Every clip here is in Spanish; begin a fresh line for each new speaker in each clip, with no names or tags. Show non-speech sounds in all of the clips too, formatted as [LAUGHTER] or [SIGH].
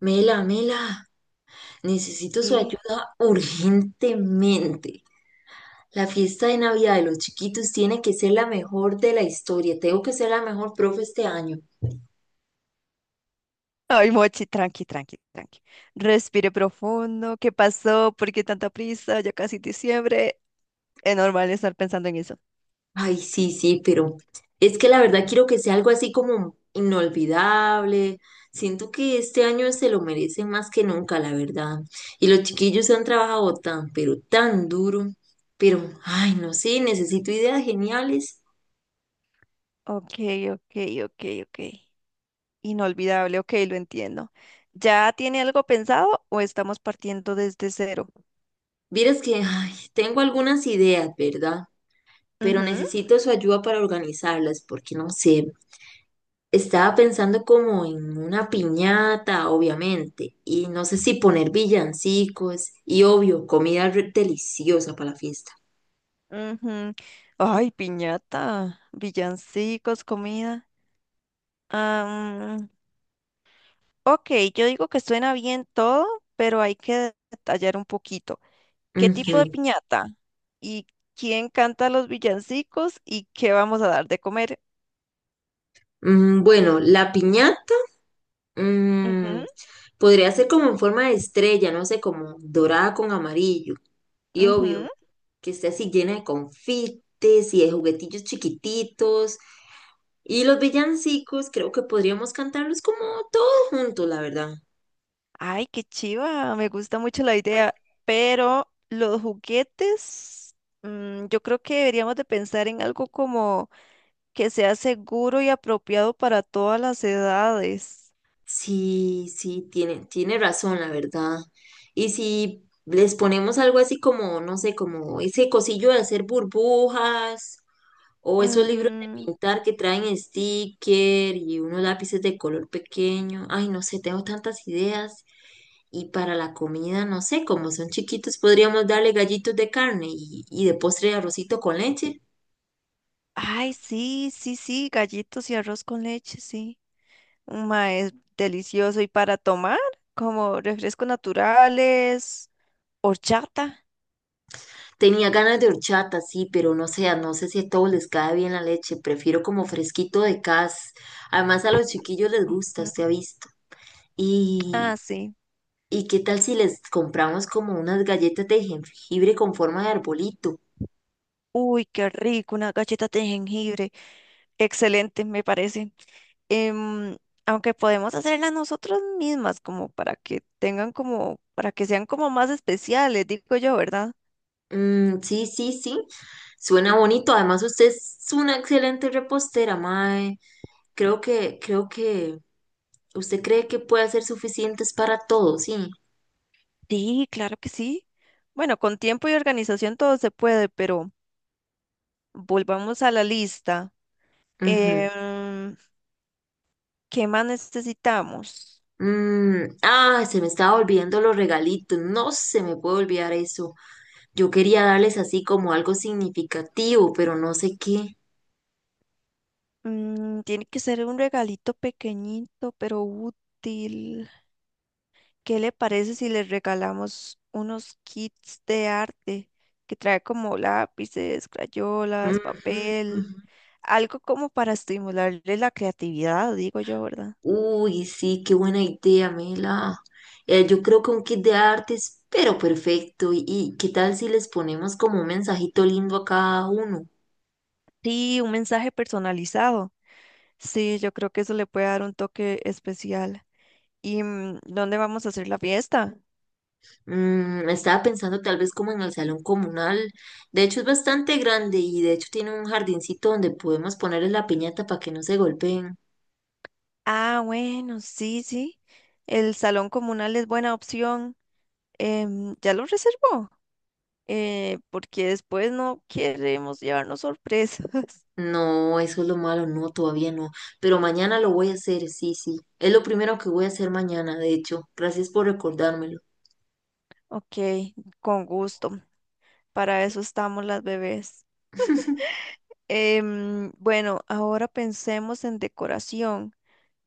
Mela, Mela, necesito su
¿Qué?
ayuda urgentemente. La fiesta de Navidad de los chiquitos tiene que ser la mejor de la historia. Tengo que ser la mejor profe este año.
Ay, Mochi, tranqui, tranqui, tranqui. Respire profundo. ¿Qué pasó? ¿Por qué tanta prisa? Ya casi diciembre. Es normal estar pensando en eso.
Ay, sí, sí, pero es que la verdad quiero que sea algo así como inolvidable. Siento que este año se lo merecen más que nunca, la verdad. Y los chiquillos han trabajado tan, pero tan duro. Pero, ay, no sé, necesito ideas geniales.
Ok, ok, ok, ok. Inolvidable, ok, lo entiendo. ¿Ya tiene algo pensado o estamos partiendo desde cero?
Vieras que, ay, tengo algunas ideas, ¿verdad? Pero
Ujú.
necesito su ayuda para organizarlas, porque no sé, estaba pensando como en una piñata, obviamente, y no sé si poner villancicos y obvio, deliciosa para la fiesta.
Ujú. Ay, piñata, villancicos, comida. Am, ok, yo digo que suena bien todo, pero hay que detallar un poquito. ¿Qué
Ujú.
tipo de piñata? ¿Y quién canta los villancicos? ¿Y qué vamos a dar de comer?
Bueno, la piñata mm, podría ser como en forma de estrella, no sé, como dorada con amarillo, y
Ujú, ujú.
obvio, que esté así llena de confites y de juguetillos chiquititos. Y los villancicos, creo que podríamos cantarlos como todos juntos, la verdad.
Ay, qué chiva, me gusta mucho la idea, pero los juguetes, yo creo que deberíamos de pensar en algo como que sea seguro y apropiado para todas las edades.
Sí, sí, tiene razón, la verdad. Y si les ponemos algo así como, no sé, como ese cosillo de hacer burbujas o esos libros de
Ujú.
pintar que traen sticker y unos lápices de color pequeño. Ay, no sé, tengo tantas ideas. Y para la comida, no sé, como son chiquitos, podríamos darle gallitos de carne y de postre arrocito con leche.
Ay, sí, sí, sí, gallitos y arroz con leche, sí. Ma, es delicioso. ¿Y para tomar? Como refrescos naturales, horchata.
Tenía ganas de horchata, sí, pero no sé, no sé si a todos les cae bien la leche. Prefiero como fresquito de casa. Además, a los chiquillos les gusta,
Ujú.
usted ha visto. Y,
Ah, sí.
¿Y qué tal si les compramos como unas galletas de jengibre con forma de arbolito?
Uy, qué rico, una galleta de jengibre. Excelente, me parece. Em, Aunque podemos hacerlas nosotras mismas, como para que tengan como, para que sean como más especiales, digo yo, ¿verdad?
Mm, sí, sí, sí. Suena bonito. Además, usted es una excelente repostera, mae. Creo que usted cree que puede hacer suficientes para todos, sí.
Sí, claro que sí. Bueno, con tiempo y organización todo se puede, pero volvamos a la lista.
Ujú.
Em, ¿Qué más necesitamos?
Se me estaba olvidando los regalitos. No se me puede olvidar eso. Yo quería darles así como algo significativo, pero no sé qué.
Mm, tiene que ser un regalito pequeñito, pero útil. ¿Qué le parece si le regalamos unos kits de arte que trae como lápices, crayolas,
Ujú, ujú.
papel? Algo como para estimularle la creatividad, digo yo, ¿verdad?
Uy, sí, qué buena idea, Mela. Yo creo que un kit de artes, pero perfecto. Y qué tal si les ponemos como un mensajito lindo a cada uno?
Sí, un mensaje personalizado. Sí, yo creo que eso le puede dar un toque especial. ¿Y dónde vamos a hacer la fiesta?
Mm, estaba pensando tal vez como en el salón comunal. De hecho, es bastante grande y de hecho tiene un jardincito donde podemos ponerles la piñata para que no se golpeen.
Ah, bueno, sí, sí. El salón comunal es buena opción. ¿Ya lo reservó? Porque después no queremos llevarnos sorpresas. [LAUGHS]
No, eso es lo malo, no, todavía no. Pero mañana lo voy a hacer, sí, sí. Es lo primero que voy a hacer mañana, de hecho. Gracias por recordármelo.
Ok, con gusto. Para eso estamos las bebés.
[LAUGHS]
Bueno, ahora pensemos en decoración.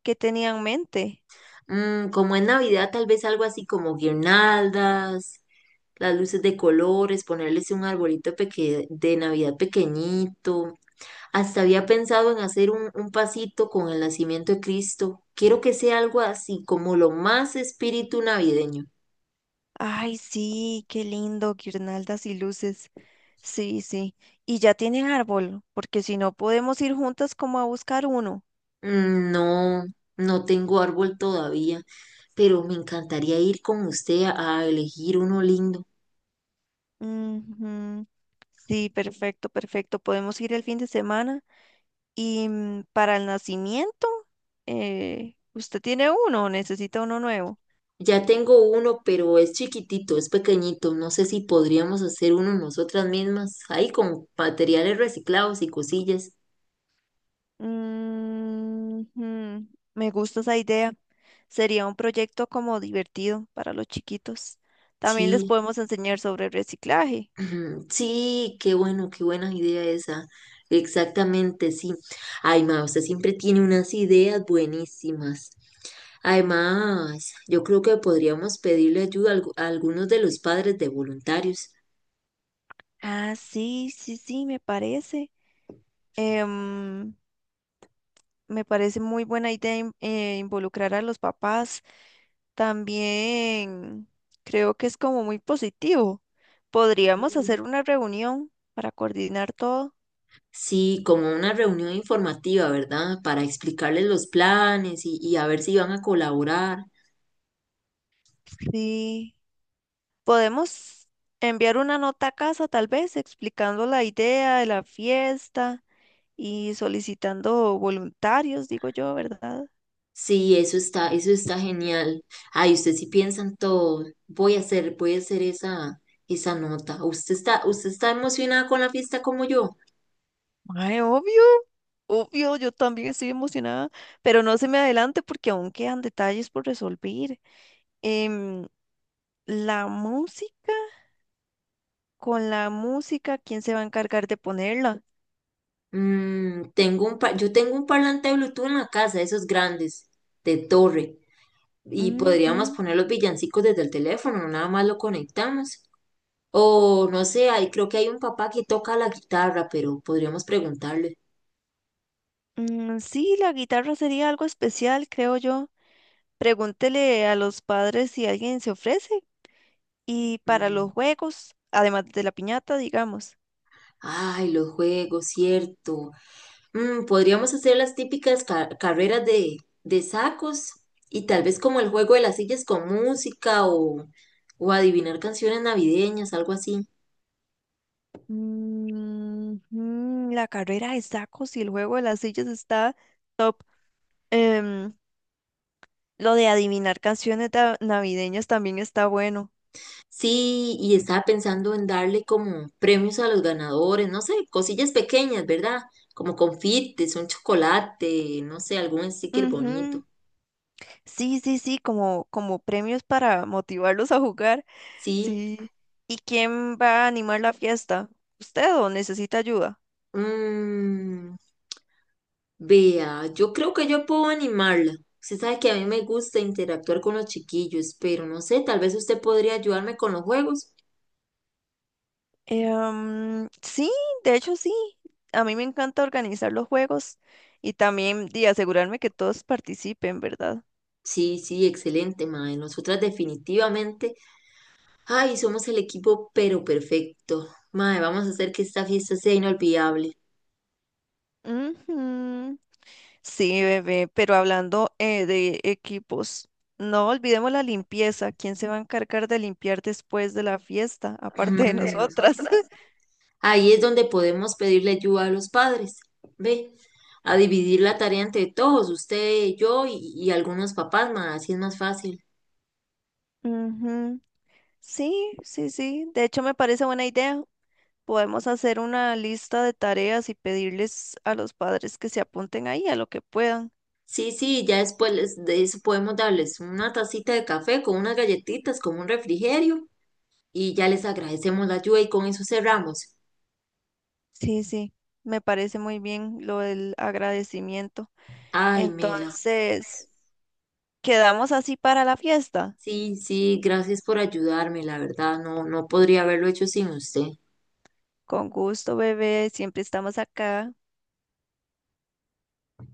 ¿Qué tenía en mente?
Mm, como es Navidad, tal vez algo así como guirnaldas, las luces de colores, ponerles un de Navidad pequeñito. Hasta había pensado en hacer un pasito con el nacimiento de Cristo. Quiero que sea algo así, como lo más espíritu navideño.
Ay, sí, qué lindo, guirnaldas y luces. Sí, sí. Y ya tienen árbol, porque si no podemos ir juntas como a buscar uno.
Mm, no, no tengo árbol todavía, pero me encantaría ir con usted a elegir uno lindo.
Ujú. Sí, perfecto, perfecto. Podemos ir el fin de semana. Y para el nacimiento, ¿usted tiene uno o necesita uno nuevo?
Ya tengo uno, pero es chiquitito, es pequeñito. No sé si podríamos hacer uno nosotras mismas, ahí con materiales reciclados y cosillas.
Ujú. Me gusta esa idea. Sería un proyecto como divertido para los chiquitos. También les
Sí,
podemos enseñar sobre reciclaje.
[CLEARS THROAT] ujú, sí, qué bueno, qué buena idea esa. Exactamente, sí. Ay, ma, usted siempre tiene unas ideas buenísimas. Además, yo creo que podríamos pedirle ayuda a a algunos de los padres de voluntarios.
Ah, sí, sí, sí, me parece. Em, Me parece muy buena idea involucrar a los papás. También creo que es como muy positivo. Podríamos hacer una reunión para coordinar todo.
Sí, como una reunión informativa, ¿verdad? Para explicarles los planes y a ver si van a colaborar.
Sí, podemos enviar una nota a casa, tal vez, explicando la idea de la fiesta y solicitando voluntarios, digo yo, ¿verdad?
Sí, eso está genial. Ay, usted sí piensa en todo. Voy a hacer esa, esa nota. Usted está emocionada con la fiesta como yo?
Ay, obvio, obvio, yo también estoy emocionada, pero no se me adelante porque aún quedan detalles por resolver. Em, la música, con la música, ¿quién se va a encargar de ponerla?
Mm, yo tengo un parlante de Bluetooth en la casa, esos grandes, de torre. Y podríamos
Ujú.
poner los villancicos desde el teléfono, no nada más lo conectamos. O no sé, ahí creo que hay un papá que toca la guitarra, pero podríamos preguntarle.
Mm, sí, la guitarra sería algo especial, creo yo. Pregúntele a los padres si alguien se ofrece. Y para
Mm,
los juegos, además de la piñata, digamos.
ay, los juegos, cierto. Mm, podríamos hacer las típicas carreras de sacos y tal vez como el juego de las sillas con música o adivinar canciones navideñas, algo así.
Mm, mm, la carrera de sacos y el juego de las sillas está em, lo de adivinar canciones navideñas también está bueno.
Sí, y estaba pensando en darle como premios a los ganadores, no sé, cosillas pequeñas, ¿verdad? Como confites, un chocolate, no sé, algún sticker bonito.
Ujú. Sí, sí, sí, como, como premios para motivarlos a jugar.
Sí.
Sí. ¿Y quién va a animar la fiesta? ¿Usted o necesita ayuda?
Mm, vea, yo creo que yo puedo animarla. Usted sabe que a mí me gusta interactuar con los chiquillos, pero no sé, tal vez usted podría ayudarme con los juegos.
Sí, de hecho sí. A mí me encanta organizar los juegos y también de asegurarme que todos participen, ¿verdad?
Sí, sí, excelente, mae. Nosotras definitivamente, ay, somos el equipo pero perfecto. Mae, vamos a hacer que esta fiesta sea inolvidable.
Ujú. Sí, bebé, pero hablando de equipos, no olvidemos la limpieza. ¿Quién se va a encargar de limpiar después de la fiesta, aparte de
Aparte,
nosotras?
mm,
[LAUGHS]
ahí es donde podemos pedirle ayuda a los padres. Ve, a dividir la tarea entre todos, usted, yo y algunos papás, más, así es más fácil.
Ujú. Sí, sí, sí. De hecho, me parece buena idea. Podemos hacer una lista de tareas y pedirles a los padres que se apunten ahí a lo que puedan.
Sí, sí, ya después de eso podemos darles una tacita de café con unas galletitas, con un refrigerio y ya les agradecemos la ayuda y con eso cerramos.
Sí, sí, me parece muy bien lo del agradecimiento.
Ay, Mela,
Entonces, quedamos así para la fiesta.
sí, sí, gracias por ayudarme, la verdad, no, no podría haberlo hecho sin usted.
Con gusto, bebé, siempre estamos acá.